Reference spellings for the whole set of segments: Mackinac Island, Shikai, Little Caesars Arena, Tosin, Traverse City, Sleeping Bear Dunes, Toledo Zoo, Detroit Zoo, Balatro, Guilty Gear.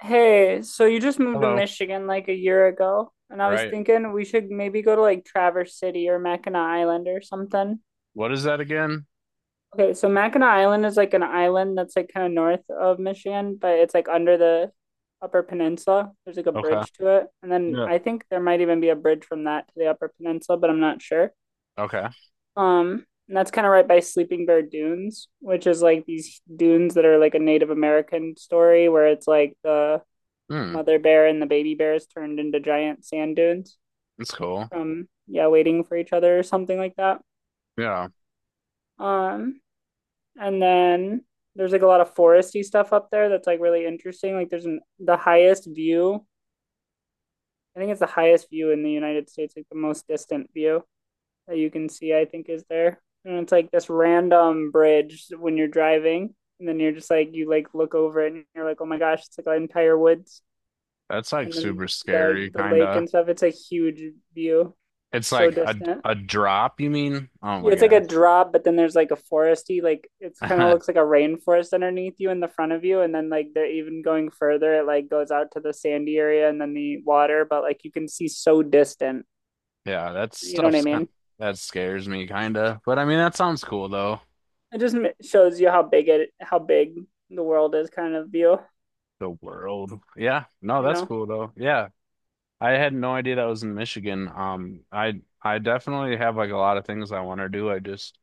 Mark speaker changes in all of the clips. Speaker 1: Hey, so you just moved to
Speaker 2: Hello.
Speaker 1: Michigan like a year ago, and I was
Speaker 2: Right.
Speaker 1: thinking we should maybe go to like Traverse City or Mackinac Island or something.
Speaker 2: What is that again?
Speaker 1: Okay, so Mackinac Island is like an island that's like kind of north of Michigan, but it's like under the Upper Peninsula. There's like a
Speaker 2: Okay.
Speaker 1: bridge to it. And then
Speaker 2: Yeah.
Speaker 1: I think there might even be a bridge from that to the Upper Peninsula, but I'm not sure.
Speaker 2: Okay.
Speaker 1: And that's kind of right by Sleeping Bear Dunes, which is like these dunes that are like a Native American story where it's like the
Speaker 2: Hmm.
Speaker 1: mother bear and the baby bears turned into giant sand dunes
Speaker 2: That's cool.
Speaker 1: from yeah waiting for each other or something like that.
Speaker 2: Yeah.
Speaker 1: um and then there's like a lot of foresty stuff up there that's like really interesting. Like the highest view, I think it's the highest view in the United States, like the most distant view that you can see, I think, is there. And it's like this random bridge when you're driving, and then you're just like you like look over it and you're like, oh my gosh, it's like an entire woods.
Speaker 2: That's like
Speaker 1: And then
Speaker 2: super scary,
Speaker 1: the lake
Speaker 2: kinda.
Speaker 1: and stuff. It's a huge view.
Speaker 2: It's
Speaker 1: It's so
Speaker 2: like a
Speaker 1: distant.
Speaker 2: a drop, you mean? Oh
Speaker 1: Yeah,
Speaker 2: my
Speaker 1: it's like a
Speaker 2: gosh.
Speaker 1: drop, but then there's like a foresty, like it's kind of looks like a rainforest underneath you in the front of you, and then like they're even going further. It like goes out to the sandy area and then the water, but like you can see so distant.
Speaker 2: Yeah,
Speaker 1: You know what I mean?
Speaker 2: that scares me, kinda. But I mean that sounds cool though.
Speaker 1: It just shows you how big the world is, kind of view.
Speaker 2: The world. Yeah. No,
Speaker 1: You
Speaker 2: that's
Speaker 1: know.
Speaker 2: cool though. Yeah. I had no idea that was in Michigan. I definitely have like a lot of things I want to do. I just.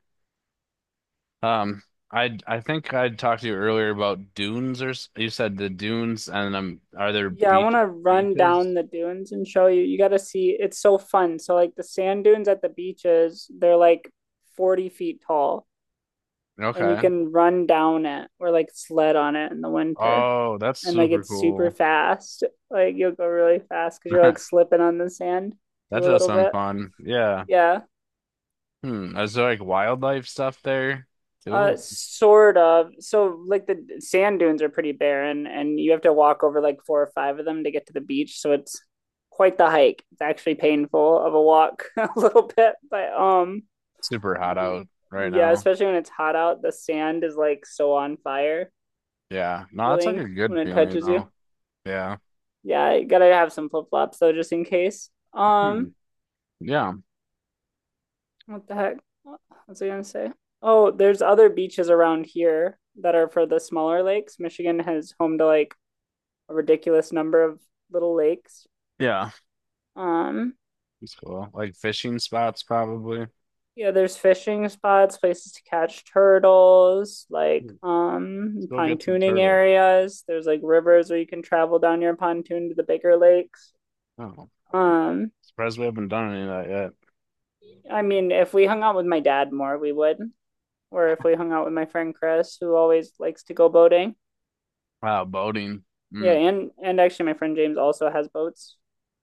Speaker 2: Um, I think I talked to you earlier about dunes or you said the dunes and are there
Speaker 1: Yeah, I want to run
Speaker 2: beaches?
Speaker 1: down the dunes and show you. You got to see, it's so fun. So, like the sand dunes at the beaches, they're like 40 feet tall, and you
Speaker 2: Okay.
Speaker 1: can run down it or like sled on it in the winter.
Speaker 2: Oh, that's
Speaker 1: And like
Speaker 2: super
Speaker 1: it's super
Speaker 2: cool.
Speaker 1: fast. Like you'll go really fast because you're like slipping on the sand
Speaker 2: That
Speaker 1: too a
Speaker 2: does
Speaker 1: little
Speaker 2: sound
Speaker 1: bit.
Speaker 2: fun. Yeah.
Speaker 1: Yeah.
Speaker 2: Hmm. Is there like wildlife stuff there
Speaker 1: Uh,
Speaker 2: too?
Speaker 1: sort of. So, like the sand dunes are pretty barren, and you have to walk over like four or five of them to get to the beach. So it's quite the hike. It's actually painful of a walk a little bit, but
Speaker 2: Super hot out right
Speaker 1: yeah,
Speaker 2: now.
Speaker 1: especially when it's hot out, the sand is like so on fire
Speaker 2: Yeah. No, that's like a
Speaker 1: feeling when
Speaker 2: good
Speaker 1: it
Speaker 2: feeling
Speaker 1: touches you.
Speaker 2: though. Yeah.
Speaker 1: Yeah, you gotta have some flip flops though, just in case.
Speaker 2: Hmm.
Speaker 1: Um,
Speaker 2: Yeah.
Speaker 1: what the heck? What was I gonna say? Oh, there's other beaches around here that are for the smaller lakes. Michigan has home to like a ridiculous number of little lakes.
Speaker 2: Yeah.
Speaker 1: Um,
Speaker 2: It's cool. Like fishing spots probably.
Speaker 1: yeah, there's fishing spots, places to catch turtles,
Speaker 2: Hmm.
Speaker 1: like
Speaker 2: Let's go get some
Speaker 1: pontooning
Speaker 2: turtle.
Speaker 1: areas. There's like rivers where you can travel down your pontoon to the bigger lakes.
Speaker 2: Oh.
Speaker 1: Um,
Speaker 2: Surprised we haven't done any of that yet.
Speaker 1: I mean, if we hung out with my dad more, we would, or if we hung out with my friend Chris, who always likes to go boating.
Speaker 2: Wow, boating.
Speaker 1: Yeah,
Speaker 2: Mm.
Speaker 1: and actually, my friend James also has boats,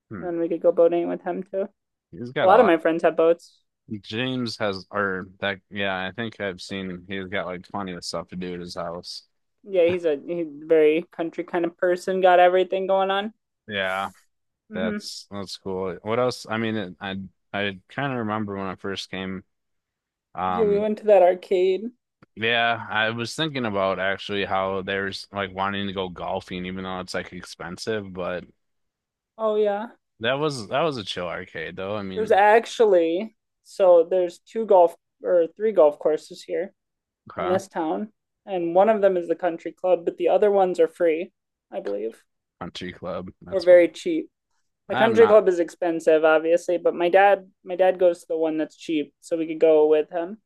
Speaker 2: Hmm.
Speaker 1: and we could go boating with him too.
Speaker 2: He's
Speaker 1: A
Speaker 2: got a
Speaker 1: lot of
Speaker 2: lot.
Speaker 1: my friends have boats.
Speaker 2: James has, or that, yeah, I think I've seen him. He's got like plenty of stuff to do at his house.
Speaker 1: Yeah, he's a very country kind of person, got everything going on.
Speaker 2: Yeah,
Speaker 1: Hmm.
Speaker 2: that's cool. What else? I mean, I kind of remember when I first came.
Speaker 1: Yeah, we
Speaker 2: Um,
Speaker 1: went to that arcade.
Speaker 2: yeah, I was thinking about actually how there's like wanting to go golfing, even though it's like expensive. But
Speaker 1: Oh yeah.
Speaker 2: that was a chill arcade, though. I
Speaker 1: There's
Speaker 2: mean,
Speaker 1: actually so there's two golf or three golf courses here in
Speaker 2: okay,
Speaker 1: this town, and one of them is the country club, but the other ones are free, I believe,
Speaker 2: country club,
Speaker 1: or
Speaker 2: that's fun.
Speaker 1: very cheap. The
Speaker 2: I'm
Speaker 1: country
Speaker 2: not.
Speaker 1: club is expensive, obviously, but my dad goes to the one that's cheap, so we could go with him.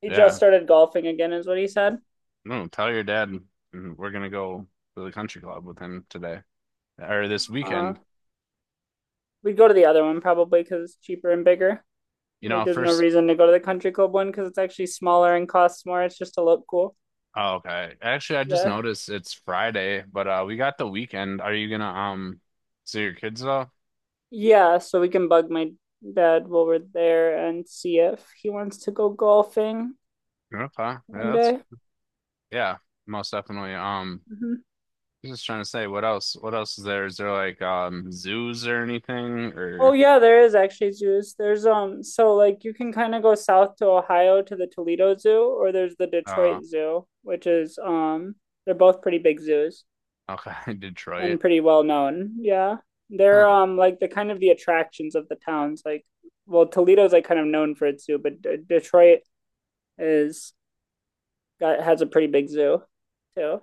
Speaker 1: He just
Speaker 2: Yeah.
Speaker 1: started golfing again, is what he said.
Speaker 2: No, tell your dad, we're gonna go to the country club with him today or this
Speaker 1: Uh,
Speaker 2: weekend.
Speaker 1: we'd go to the other one probably because it's cheaper and bigger.
Speaker 2: You
Speaker 1: Like,
Speaker 2: know,
Speaker 1: there's no
Speaker 2: first,
Speaker 1: reason to go to the country club one because it's actually smaller and costs more. It's just to look cool.
Speaker 2: oh, okay. Actually, I just
Speaker 1: Yeah.
Speaker 2: noticed it's Friday, but we got the weekend. Are you gonna see your kids though?
Speaker 1: Yeah. So we can bug my dad while we're there and see if he wants to go golfing
Speaker 2: Okay, yeah,
Speaker 1: one
Speaker 2: that's
Speaker 1: day.
Speaker 2: yeah, most definitely.
Speaker 1: Mm-hmm.
Speaker 2: I was just trying to say, what else? What else is there? Is there like zoos or anything,
Speaker 1: Oh,
Speaker 2: or
Speaker 1: yeah, there is actually zoos. So like you can kind of go south to Ohio to the Toledo Zoo, or there's the
Speaker 2: uh
Speaker 1: Detroit Zoo, which is, they're both pretty big zoos,
Speaker 2: okay, Detroit?
Speaker 1: and pretty well known. Yeah. They're
Speaker 2: Huh.
Speaker 1: like the kind of the attractions of the towns. Like, well, Toledo's like kind of known for its zoo, but Detroit is got has a pretty big zoo too.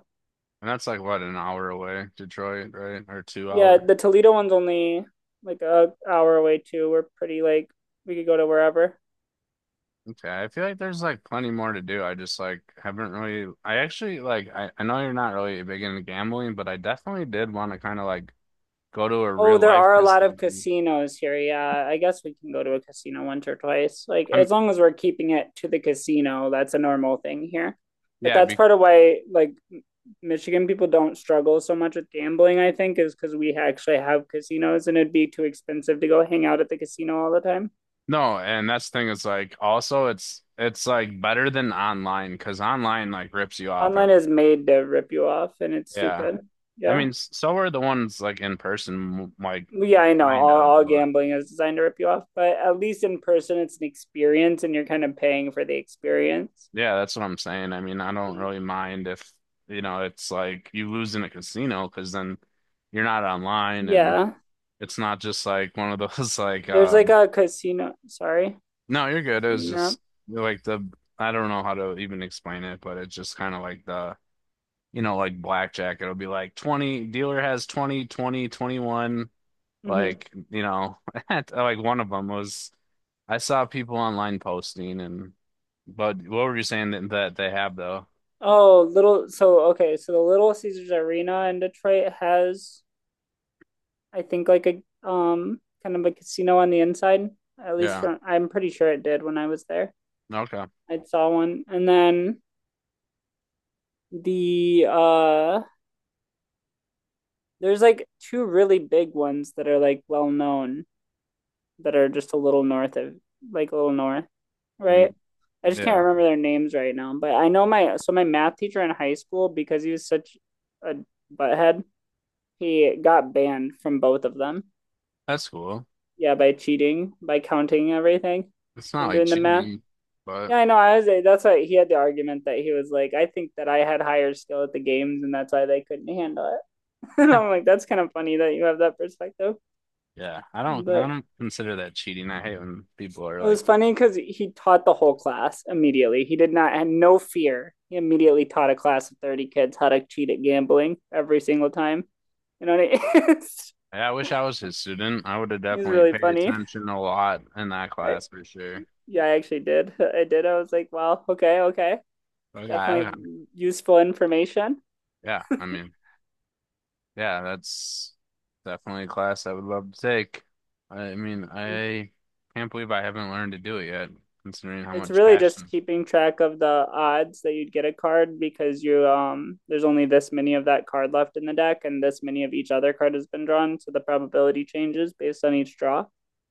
Speaker 2: And that's like what, an hour away, Detroit, right? Or two
Speaker 1: Yeah,
Speaker 2: hour.
Speaker 1: the Toledo one's only like a hour away too. We're pretty like we could go to wherever.
Speaker 2: Okay, I feel like there's like plenty more to do. I just like haven't really I actually, like, I know you're not really big into gambling, but I definitely did want to kind of like go to a
Speaker 1: Oh,
Speaker 2: real
Speaker 1: there
Speaker 2: life
Speaker 1: are a lot of
Speaker 2: casino.
Speaker 1: casinos here. Yeah, I guess we can go to a casino once or twice. Like,
Speaker 2: I'm
Speaker 1: as long as we're keeping it to the casino, that's a normal thing here. But
Speaker 2: yeah,
Speaker 1: that's part of why, like, Michigan people don't struggle so much with gambling, I think, is because we actually have casinos and it'd be too expensive to go hang out at the casino all the time.
Speaker 2: no, and that's the thing, is like also it's like better than online because online like rips you off
Speaker 1: Online
Speaker 2: every.
Speaker 1: is made to rip you off and it's
Speaker 2: Yeah.
Speaker 1: stupid.
Speaker 2: I
Speaker 1: Yeah.
Speaker 2: mean, so are the ones like in person, like
Speaker 1: Well, yeah, I know.
Speaker 2: kind
Speaker 1: All,
Speaker 2: of,
Speaker 1: all
Speaker 2: but
Speaker 1: gambling is designed to rip you off, but at least in person, it's an experience and you're kind of paying for the experience.
Speaker 2: yeah, that's what I'm saying. I mean, I don't really mind if, you know, it's like you lose in a casino because then you're not online and
Speaker 1: Yeah,
Speaker 2: it's not just like one of those like
Speaker 1: there's like a casino. Sorry,
Speaker 2: no, you're
Speaker 1: I
Speaker 2: good. It was
Speaker 1: didn't
Speaker 2: just
Speaker 1: interrupt.
Speaker 2: like the I don't know how to even explain it, but it's just kind of like the, you know, like blackjack. It'll be like 20, dealer has 20, 20, 21.
Speaker 1: Hmm.
Speaker 2: Like, you know, like one of them was I saw people online posting and, but what were you saying that they have, though?
Speaker 1: Oh, little. So the Little Caesars Arena in Detroit has, I think, like a kind of a casino on the inside. At least
Speaker 2: Yeah.
Speaker 1: from I'm pretty sure it did when I was there.
Speaker 2: Okay.
Speaker 1: I saw one, and then the uh there's like two really big ones that are like well known, that are just a little north of like a little north,
Speaker 2: Mm,
Speaker 1: right? I just can't
Speaker 2: yeah,
Speaker 1: remember their names right now, but I know my math teacher in high school, because he was such a butthead, he got banned from both of them.
Speaker 2: that's cool.
Speaker 1: Yeah, by cheating, by counting everything,
Speaker 2: It's not
Speaker 1: and
Speaker 2: like
Speaker 1: doing the math.
Speaker 2: cheating, but
Speaker 1: Yeah, I know. I was. That's why he had the argument that he was like, I think that I had higher skill at the games, and that's why they couldn't handle it. And I'm like, that's kind of funny that you have that perspective.
Speaker 2: yeah, I don't I
Speaker 1: But
Speaker 2: don't consider that cheating. I hate when people are
Speaker 1: it
Speaker 2: like,
Speaker 1: was funny because he taught the whole class immediately. He did not had no fear. He immediately taught a class of 30 kids how to cheat at gambling every single time. You know, what I it's,
Speaker 2: "Hey, I wish I was his student. I would have
Speaker 1: it's
Speaker 2: definitely
Speaker 1: really
Speaker 2: paid
Speaker 1: funny.
Speaker 2: attention a lot in that
Speaker 1: I
Speaker 2: class for sure."
Speaker 1: Yeah, I actually did. I did. I was like, wow, okay, okay.
Speaker 2: Okay,
Speaker 1: Definitely
Speaker 2: okay.
Speaker 1: useful information.
Speaker 2: Yeah, I mean, yeah, that's definitely a class I would love to take. I mean, I can't believe I haven't learned to do it yet, considering how
Speaker 1: It's
Speaker 2: much
Speaker 1: really just
Speaker 2: passion.
Speaker 1: keeping track of the odds that you'd get a card, because you there's only this many of that card left in the deck and this many of each other card has been drawn, so the probability changes based on each draw.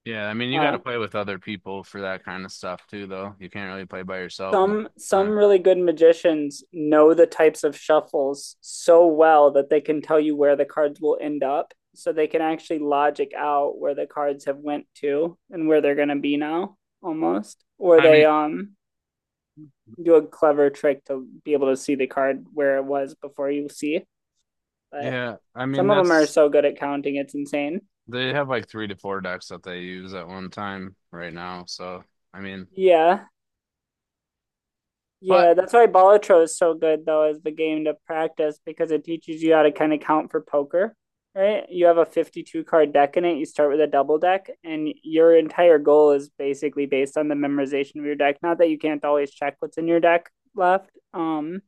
Speaker 2: Yeah, I mean, you got to
Speaker 1: Uh,
Speaker 2: play with other people for that kind of stuff too, though. You can't really play by yourself most of
Speaker 1: some
Speaker 2: the
Speaker 1: some
Speaker 2: time.
Speaker 1: really good magicians know the types of shuffles so well that they can tell you where the cards will end up, so they can actually logic out where the cards have went to and where they're gonna be now, almost. Or
Speaker 2: I
Speaker 1: they
Speaker 2: mean,
Speaker 1: do a clever trick to be able to see the card where it was before you see it. But
Speaker 2: yeah, I mean
Speaker 1: some of them are
Speaker 2: that's
Speaker 1: so good at counting, it's insane.
Speaker 2: they have like three to four decks that they use at one time right now. So I mean,
Speaker 1: Yeah, Yeah,
Speaker 2: but
Speaker 1: that's why Balatro is so good though, as the game to practice, because it teaches you how to kind of count for poker, right? You have a 52 card deck in it, you start with a double deck and your entire goal is basically based on the memorization of your deck. Not that you can't always check what's in your deck left,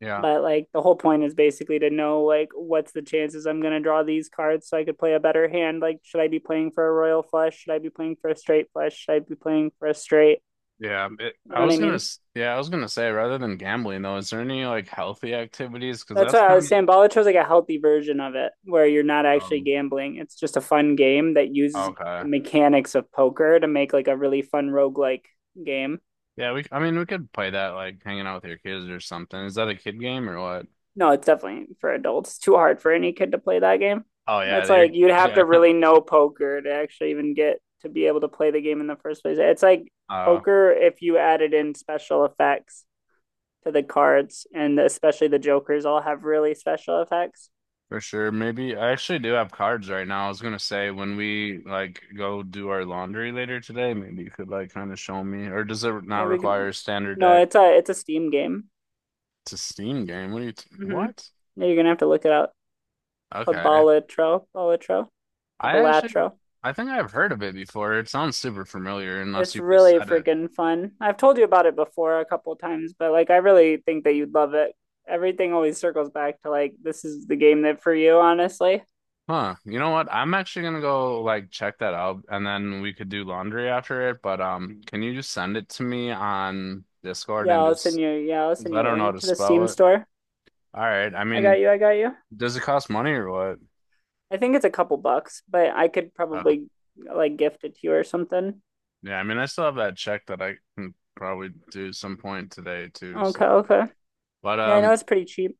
Speaker 2: yeah,
Speaker 1: but like the whole point is basically to know, like, what's the chances I'm going to draw these cards so I could play a better hand. Like should I be playing for a royal flush? Should I be playing for a straight flush? Should I be playing for a straight?
Speaker 2: yeah.
Speaker 1: You
Speaker 2: I
Speaker 1: know what I
Speaker 2: was gonna,
Speaker 1: mean?
Speaker 2: s- yeah, I was gonna say, rather than gambling though, is there any like healthy activities? Because
Speaker 1: That's
Speaker 2: that's
Speaker 1: what I was
Speaker 2: kind
Speaker 1: saying. Bolicho is like a healthy version of it, where you're not
Speaker 2: of
Speaker 1: actually gambling. It's just a fun game that uses
Speaker 2: okay.
Speaker 1: the mechanics of poker to make like a really fun roguelike game.
Speaker 2: Yeah, we. I mean, we could play that like hanging out with your kids or something. Is that a kid game or what?
Speaker 1: No, it's definitely for adults. It's too hard for any kid to play that game.
Speaker 2: Oh yeah,
Speaker 1: It's
Speaker 2: you're
Speaker 1: like you'd have
Speaker 2: yeah.
Speaker 1: to really know poker to actually even get to be able to play the game in the first place. It's like
Speaker 2: Oh.
Speaker 1: poker if you added in special effects to the cards, and especially the jokers all have really special effects.
Speaker 2: For sure. Maybe I actually do have cards right now. I was gonna say when we like go do our laundry later today, maybe you could like kind of show me. Or does it not
Speaker 1: Or we
Speaker 2: require
Speaker 1: can,
Speaker 2: a standard
Speaker 1: no,
Speaker 2: deck
Speaker 1: it's a Steam game.
Speaker 2: to Steam game? What do you t
Speaker 1: Mm-hmm.
Speaker 2: what?
Speaker 1: No, you're gonna have to look it up. It's called
Speaker 2: Okay.
Speaker 1: Balatro, Balatro, or
Speaker 2: I actually
Speaker 1: Balatro.
Speaker 2: I think I've heard of it before. It sounds super familiar unless
Speaker 1: It's
Speaker 2: you just
Speaker 1: really
Speaker 2: said it.
Speaker 1: freaking fun. I've told you about it before a couple times, but like I really think that you'd love it. Everything always circles back to like this is the game that for you, honestly.
Speaker 2: Huh. You know what? I'm actually gonna go like check that out and then we could do laundry after it. But can you just send it to me on Discord
Speaker 1: Yeah,
Speaker 2: and
Speaker 1: I'll send
Speaker 2: just,
Speaker 1: you. Yeah, I'll
Speaker 2: 'cause
Speaker 1: send
Speaker 2: I
Speaker 1: you the
Speaker 2: don't know how
Speaker 1: link
Speaker 2: to
Speaker 1: to the Steam
Speaker 2: spell it.
Speaker 1: store.
Speaker 2: All right. I
Speaker 1: I got
Speaker 2: mean,
Speaker 1: you. I got you.
Speaker 2: does it cost money or what?
Speaker 1: I think it's a couple bucks, but I could
Speaker 2: Oh,
Speaker 1: probably like gift it to you or something.
Speaker 2: yeah, I mean, I still have that check that I can probably do some point today too.
Speaker 1: Okay,
Speaker 2: So,
Speaker 1: okay.
Speaker 2: but
Speaker 1: Yeah, I know it's pretty cheap.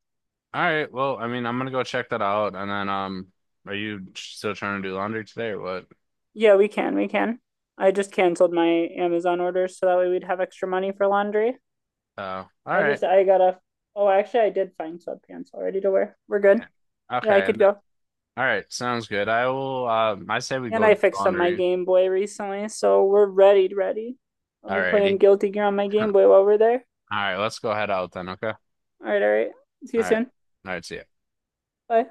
Speaker 2: all right. Well, I mean, I'm gonna go check that out, and then are you still trying to do laundry today or what?
Speaker 1: Yeah, we can. We can. I just canceled my Amazon orders so that way we'd have extra money for laundry.
Speaker 2: All
Speaker 1: I
Speaker 2: right.
Speaker 1: just, I gotta, oh, actually, I did find sweatpants already to wear. We're
Speaker 2: Yeah.
Speaker 1: good. Yeah, I
Speaker 2: Okay.
Speaker 1: could go.
Speaker 2: All right. Sounds good. I will. I say we
Speaker 1: And
Speaker 2: go
Speaker 1: I
Speaker 2: do
Speaker 1: fixed up my
Speaker 2: laundry.
Speaker 1: Game Boy recently, so we're ready, ready. I'll
Speaker 2: All
Speaker 1: be playing
Speaker 2: righty.
Speaker 1: Guilty Gear on my
Speaker 2: All
Speaker 1: Game Boy while we're there.
Speaker 2: right. Let's go head out then. Okay. All
Speaker 1: All right, all right. See you
Speaker 2: right.
Speaker 1: soon.
Speaker 2: All right. See ya.
Speaker 1: Bye.